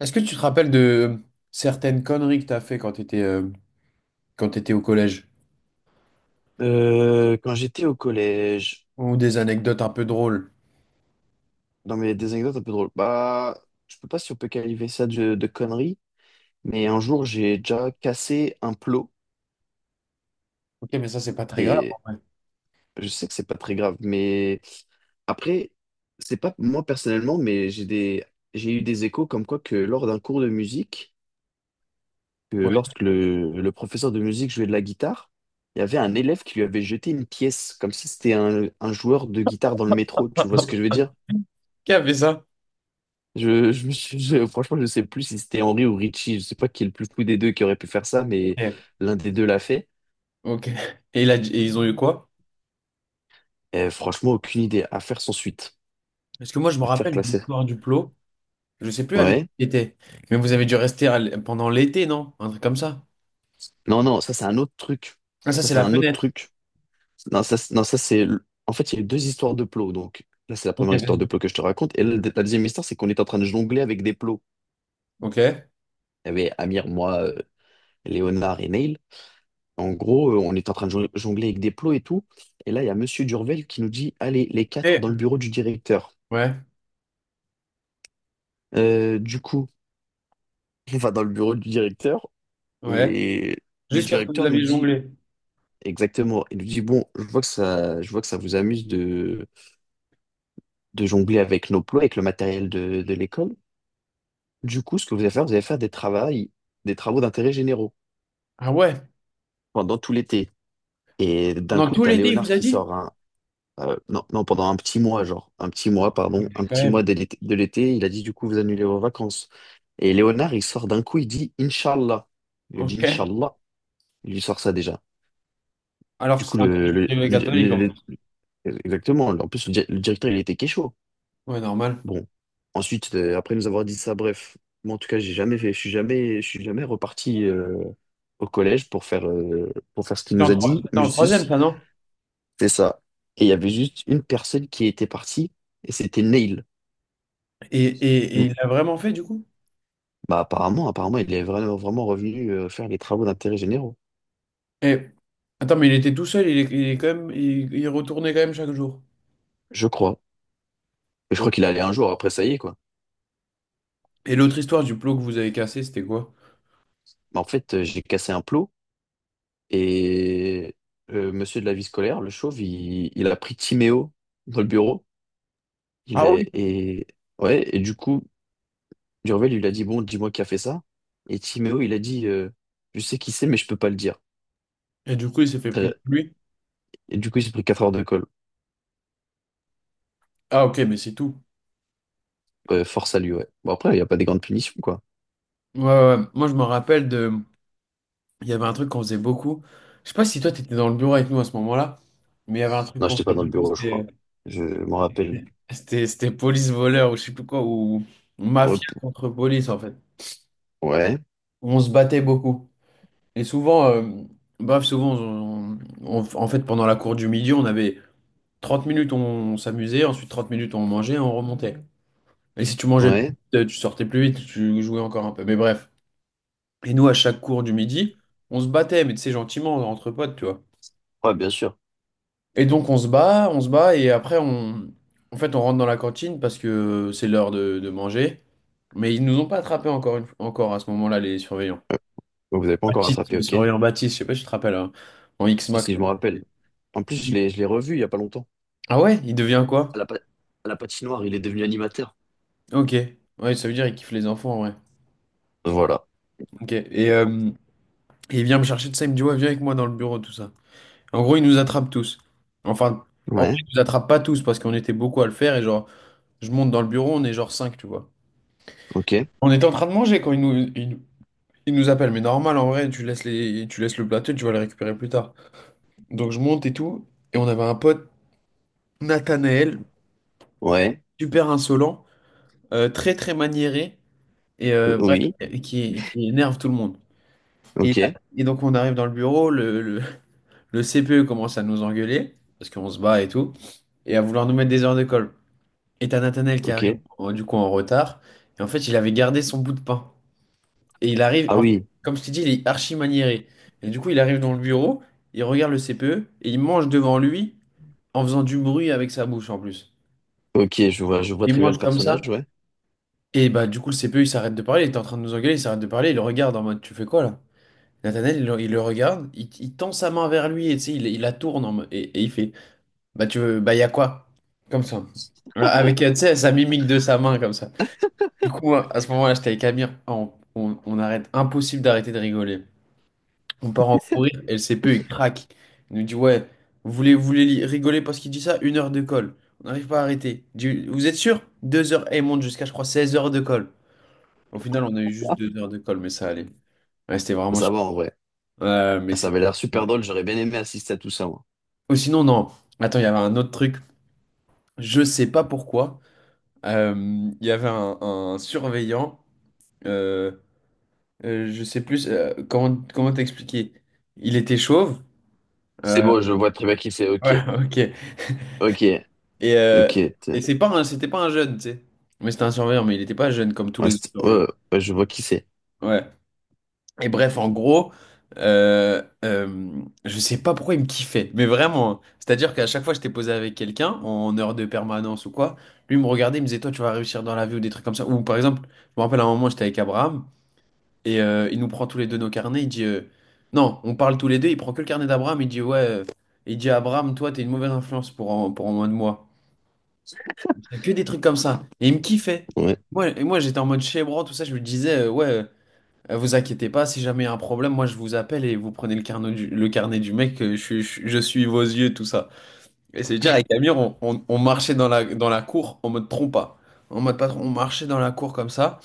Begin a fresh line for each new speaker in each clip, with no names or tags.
Est-ce que tu te rappelles de certaines conneries que t'as fait quand t'étais au collège?
Quand j'étais au collège,
Ou des anecdotes un peu drôles?
dans mes des anecdotes un peu drôles, je peux pas si on peut qualifier ça de conneries, mais un jour j'ai déjà cassé un plot
Ok, mais ça, c'est pas très grave en
et
vrai.
je sais que c'est pas très grave, mais après, c'est pas moi personnellement, mais j'ai eu des échos comme quoi que lors d'un cours de musique, que
Ouais.
lorsque le professeur de musique jouait de la guitare, il y avait un élève qui lui avait jeté une pièce, comme si c'était un joueur de guitare dans le métro, tu vois ce que je veux dire?
Qui a fait ça?
Je, me suis- je- Franchement, je sais plus si c'était Henry ou Richie. Je sais pas qui est le plus fou des deux qui aurait pu faire ça, mais
Ok.
l'un des deux l'a fait.
Ok. Et, et ils ont eu quoi?
Et franchement, aucune idée. À faire sans suite.
Parce que moi, je me
À faire
rappelle de
classer.
l'histoire du plot. Je sais plus avec qui
Ouais.
était. Mais vous avez dû rester pendant l'été, non? Un truc comme ça.
Non, non, ça, c'est un autre truc.
Ah, ça,
Ça,
c'est
c'est
la
un autre
fenêtre.
truc. Non, ça, c'est- non, ça, c'est. Le- En fait, il y a eu deux histoires de plots. Donc, là, c'est la
Ok,
première histoire de
vas-y.
plots que je te raconte. Et là, la deuxième histoire, c'est qu'on était en train de jongler avec des plots.
Ok.
Il y avait Amir, moi, Léonard et Neil. En gros, on était en train de jongler avec des plots et tout. Et là, il y a Monsieur Durvel qui nous dit, allez, les quatre
Et...
dans le bureau du directeur.
Ouais.
Du coup, on va dans le bureau du directeur
Ouais.
et le
Juste parce que vous
directeur nous
aviez
dit
jonglé.
exactement, il nous dit, bon, je vois que ça vous amuse de jongler avec nos plots, avec le matériel de l'école. Du coup, ce que vous allez faire des travaux d'intérêt généraux
Ah ouais?
pendant tout l'été. Et d'un
Pendant
coup,
tout
t'as
l'été, il
Léonard
vous a
qui
dit?
sort un, non, non, pendant un petit mois, genre, un petit mois, pardon, un
Quand
petit mois
même.
de l'été, il a dit, du coup, vous annulez vos vacances. Et Léonard, il sort d'un coup, il dit, Inch'Allah. Il dit,
Ok.
Inch'Allah, il lui sort ça déjà.
Alors
Du
que
coup,
c'est un
le,
collège
le-
privé
le-
catholique, en
le-
plus.
Exactement. En plus, le directeur, il était Kécho.
Ouais, normal.
Bon. Ensuite, après nous avoir dit ça, bref. Moi, en tout cas, j'ai jamais fait, je suis jamais reparti au collège pour faire ce qu'il
C'était en,
nous a
troi-
dit.
c'était
Mais je
en troisième,
suis,
ça, non?
c'est ça. Et il y avait juste une personne qui était partie, et c'était Neil.
Et
Ne-
il l'a vraiment fait du coup?
Bah, apparemment, vraiment revenu faire les travaux d'intérêt généraux.
Et... Attends, mais il était tout seul, il est quand même, il retournait quand même chaque jour.
Je crois. Et je crois
Ok.
qu'il allait un jour, après, ça y est, quoi.
Et l'autre histoire du plot que vous avez cassé, c'était quoi?
Mais en fait, j'ai cassé un plot. Et monsieur de la vie scolaire, le chauve, il a pris Timéo dans le bureau. Il
Ah oui.
est, et, ouais, et du coup, Durvel, il lui a dit, bon, dis-moi qui a fait ça. Et Timéo, il a dit, je sais qui c'est, mais je peux pas le dire.
Et du coup, il s'est fait punir
Très-
lui.
Et du coup, il s'est pris 4 heures de colle.
Ah ok, mais c'est tout.
Force à lui, ouais. Bon, après, il n'y a pas des grandes punitions, quoi.
Ouais, ouais, ouais. Moi, je me rappelle de. Il y avait un truc qu'on faisait beaucoup. Je sais pas si toi, t'étais dans le bureau avec nous à ce moment-là, mais il y avait un truc
Non,
qu'on
j'étais pas
faisait
dans le
beaucoup,
bureau, je
c'était
crois. Je m'en rappelle.
c'était police-voleur ou je sais plus quoi, ou mafia
Hop.
contre police en fait.
Ouais,
On se battait beaucoup. Et souvent, baf, souvent, on- en fait, pendant la cour du midi, on avait 30 minutes, on s'amusait, ensuite 30 minutes, on mangeait, et on remontait. Et si tu mangeais plus
ouais,
vite, tu sortais plus vite, tu jouais encore un peu. Mais bref. Et nous, à chaque cours du midi, on se battait, mais tu sais, gentiment, entre potes, tu vois.
ouais, bien sûr.
Et donc, on se bat, et après, en fait, on rentre dans la cantine parce que c'est l'heure de manger. Mais ils nous ont pas attrapés encore à ce moment-là, les surveillants.
Ouais. Donc, vous n'avez pas encore
Baptiste,
rattrapé,
le
ok?
surveillant Baptiste, je sais pas si tu te rappelles, hein, en
Si,
X-Mac,
si, je
toi.
me rappelle. En plus, je l'ai revu il y a pas longtemps.
Ah ouais, il devient
À
quoi?
la, pa- à la patinoire, il est devenu animateur.
Ok. Ouais, ça veut dire qu'il kiffe les enfants en vrai.
Voilà.
Ok. Et il vient me chercher de ça, il me dit, ouais, viens avec moi dans le bureau, tout ça. En gros, il nous attrape tous. Enfin, en vrai,
Ouais,
il nous attrape pas tous parce qu'on était beaucoup à le faire et genre, je monte dans le bureau, on est genre 5, tu vois.
ok.
On était en train de manger quand il nous appelle, mais normal en vrai, tu laisses le plateau, tu vas le récupérer plus tard. Donc je monte et tout, et on avait un pote, Nathanaël,
Ouais.
super insolent, très très maniéré, bref,
Oui.
et qui énerve tout le monde. Et, là-
Ok.
et donc on arrive dans le bureau, le CPE commence à nous engueuler, parce qu'on se bat et tout, et à vouloir nous mettre des heures de colle. Et t'as Nathanaël qui arrive
Ok.
du coup en retard, et en fait il avait gardé son bout de pain. Et il arrive,
Ah
en fait,
oui.
comme je t'ai dit, il est archi maniéré. Et du coup il arrive dans le bureau, il regarde le CPE, et il mange devant lui en faisant du bruit avec sa bouche en plus.
Ok, je vois
Il
très bien le
mange comme
personnage,
ça,
ouais.
et bah du coup le CPE il s'arrête de parler, il est en train de nous engueuler, il s'arrête de parler, il le regarde en mode tu fais quoi là? Nathanaël, il le regarde, il tend sa main vers lui et tu sais, il la tourne et il fait, bah, tu veux, bah, y a quoi? Comme ça. Voilà, avec, tu sais, sa mimique de sa main, comme ça. Du coup, moi, à ce moment-là, j'étais avec Amir, on arrête, impossible d'arrêter de rigoler. On part en fou rire, et le CPE, il craque. Il nous dit, ouais, vous voulez rigoler parce qu'il dit ça? 1 heure de colle. On n'arrive pas à arrêter. Il dit, vous êtes sûr? 2 heures, et il monte jusqu'à, je crois, 16 heures de colle. Au final, on a eu juste
Ah,
2 heures de colle, mais ça allait. Ouais, c'était vraiment
ça
super.
va en vrai.
Mais
Ah, ça
c'est.
avait l'air super drôle, j'aurais bien aimé assister à tout ça, moi.
Ou sinon, non. Attends, il y avait un autre truc. Je sais pas pourquoi. Euh, Il y avait un surveillant. Euh, je sais plus comment t'expliquer. Il était chauve.
C'est
Euh,
bon, je vois très bien qui c'est, ok.
ouais, ok.
Ok.
Et,
Ok.
euh,
t'es-
et c'était pas un jeune, tu sais. Mais c'était un surveillant, mais il était pas jeune comme tous
Ouais,
les autres surveillants.
ouais, je vois qui c'est.
Ouais. Et bref, en gros, je sais pas pourquoi il me kiffait, mais vraiment, hein. C'est-à-dire qu'à chaque fois que j'étais posé avec quelqu'un, en heure de permanence ou quoi, lui me regardait, il me disait, toi, tu vas réussir dans la vie ou des trucs comme ça. Ou par exemple, je me rappelle à un moment, j'étais avec Abraham, et il nous prend tous les deux nos carnets, il dit, non, on parle tous les deux, il prend que le carnet d'Abraham, il dit, ouais, il dit, Abraham, toi, t'es une mauvaise influence pour en moins de moi. Il disait que des trucs comme ça. Et il me kiffait.
Ouais.
Moi, j'étais en mode chébran, tout ça, je me disais, ouais, vous inquiétez pas, si jamais il y a un problème, moi je vous appelle et vous prenez le carnet du mec, je suis vos yeux, tout ça. Et c'est dire, avec Amir, on marchait dans la cour en mode trompa. En mode patron, on marchait dans la cour comme ça.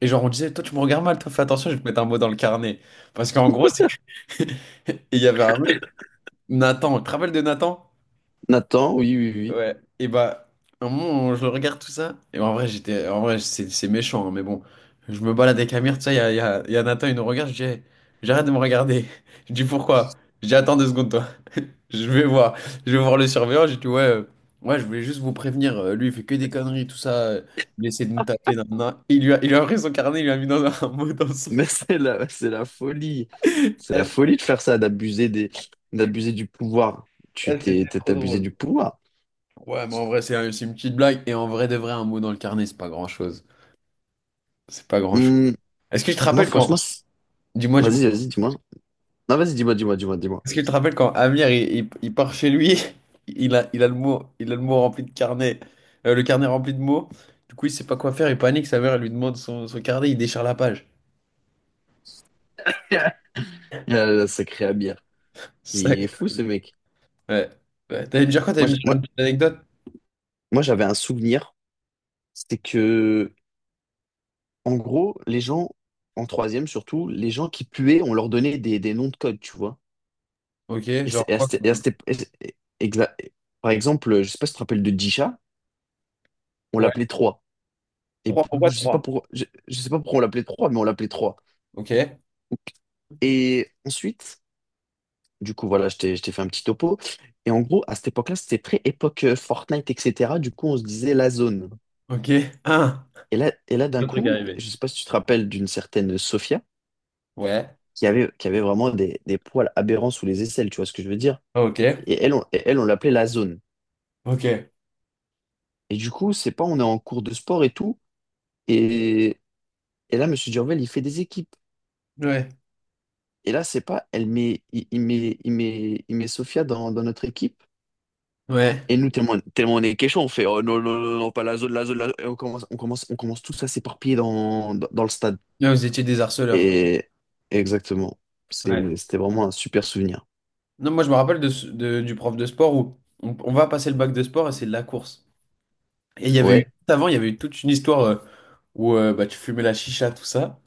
Et genre, on disait, toi tu me regardes mal, toi fais attention, je vais te mettre un mot dans le carnet. Parce qu'en gros, c'est que. Et il y avait un mec, Nathan, tu te rappelles de Nathan?
Nathan, oui, oui, oui.
Ouais, et bah, un moment, je le regarde tout ça, et en vrai, c'est méchant, hein, mais bon, je me balade avec Amir, tout ça, il y a, il y a, il y a Nathan, il nous regarde, je dis, hey, j'arrête de me regarder. Je dis, pourquoi? Je dis, attends 2 secondes, toi, je vais voir, je vais voir le surveillant, j'ai dit, ouais, ouais, je voulais juste vous prévenir, lui, il fait que des conneries, tout ça, il essaie de nous taper, nanana. Il lui a pris son carnet, il lui a mis dans un, un mot dans son.
Mais c'est la folie. C'est la
Elle,
folie de faire ça, d'abuser du pouvoir.
elle, c'était
T'es
trop
abusé
drôle.
du pouvoir.
Ouais, mais en vrai, c'est une petite blague, et en vrai de vrai, un mot dans le carnet, c'est pas grand-chose. C'est pas grand-chose.
Hum,
Est-ce que je te
moi,
rappelle quand,
franchement, c'est-
dis-moi, dis-moi.
Vas-y, vas-y, dis-moi. Non, vas-y, dis-moi, dis-moi, dis-moi, dis-moi.
Est-ce que tu te rappelles quand Amir il part chez lui, il a le mot rempli de carnet, le carnet rempli de mots. Du coup, il sait pas quoi faire, il panique, sa mère elle lui demande son carnet, il déchire la page.
Il y a le sacré Amir. Il est
C'est
fou, ce mec.
Ouais. Ouais. T'allais me dire quoi? T'allais
Moi,
me
j'-
dire une
moi,
petite anecdote?
Moi j'avais un souvenir. C'était que, en gros, les gens, en troisième surtout, les gens qui puaient, on leur donnait des noms de code, tu vois.
Ok,
Et, c'est-
genre
et à
quoi
cette-
comme
et à
nom.
cette- et c'est- et- exa- et- Par exemple, je sais pas si tu te rappelles de Disha, on
Ouais.
l'appelait trois.
Trois, pourquoi trois?
Je sais pas pourquoi on l'appelait 3 mais on l'appelait trois.
Ok.
Et ensuite, du coup, voilà, je t'ai fait un petit topo. Et en gros, à cette époque-là, c'était très époque Fortnite, etc. Du coup, on se disait la zone.
Ok. Un.
Et là d'un
Le truc
coup,
arrivé.
je sais pas si tu te rappelles d'une certaine Sophia
Ouais.
qui avait vraiment des poils aberrants sous les aisselles, tu vois ce que je veux dire?
Ok.
Et elle, on l'appelait la zone.
Ok.
Et du coup, c'est pas, on est en cours de sport et tout. Et, et là, Monsieur Durvel, il fait des équipes.
Ouais.
Et là, c'est pas, elle met, il met Sophia dans notre équipe.
Ouais.
Et nous, tellement on est quechua, on fait oh non, non, non, non, pas la zone, la zone, la zone. Et on commence tous à s'éparpiller dans le stade.
Là, vous étiez des harceleurs, quoi.
Et exactement.
Ouais.
C'était vraiment un super souvenir.
Non, moi je me rappelle du prof de sport où on va passer le bac de sport et c'est de la course. Et il y avait eu,
Ouais,
juste avant, il y avait eu toute une histoire où bah, tu fumais la chicha, tout ça.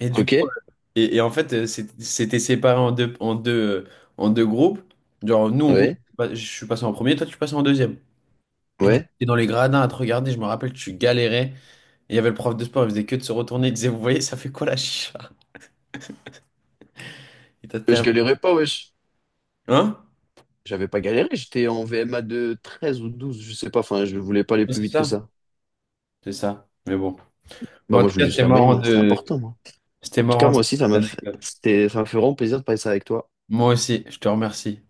Et du coup,
ok,
et en fait, c'était séparé en deux groupes. Genre, nous, moi,
ouais,
je suis passé en premier, toi, tu passes en deuxième. Et du coup,
ouais.
t'es dans les gradins à te regarder, je me rappelle, tu galérais. Et il y avait le prof de sport, il faisait que de se retourner, il disait, vous voyez, ça fait quoi la chicha? Et t'as
Je
terminé.
galérais pas, wesh.
Hein?
J'avais pas galéré, j'étais en VMA de 13 ou 12 je sais pas, enfin, je voulais pas aller
Oui,
plus
c'est
vite que
ça,
ça.
c'est ça. Mais bon. Bon,
Bah,
en
moi,
tout
je
cas,
voulais juste
c'était
la moyenne,
marrant
moi, c'est
de.
important, moi.
C'était
En tout cas,
marrant.
moi aussi, ça m'a fait vraiment plaisir de passer avec toi.
Moi aussi, je te remercie.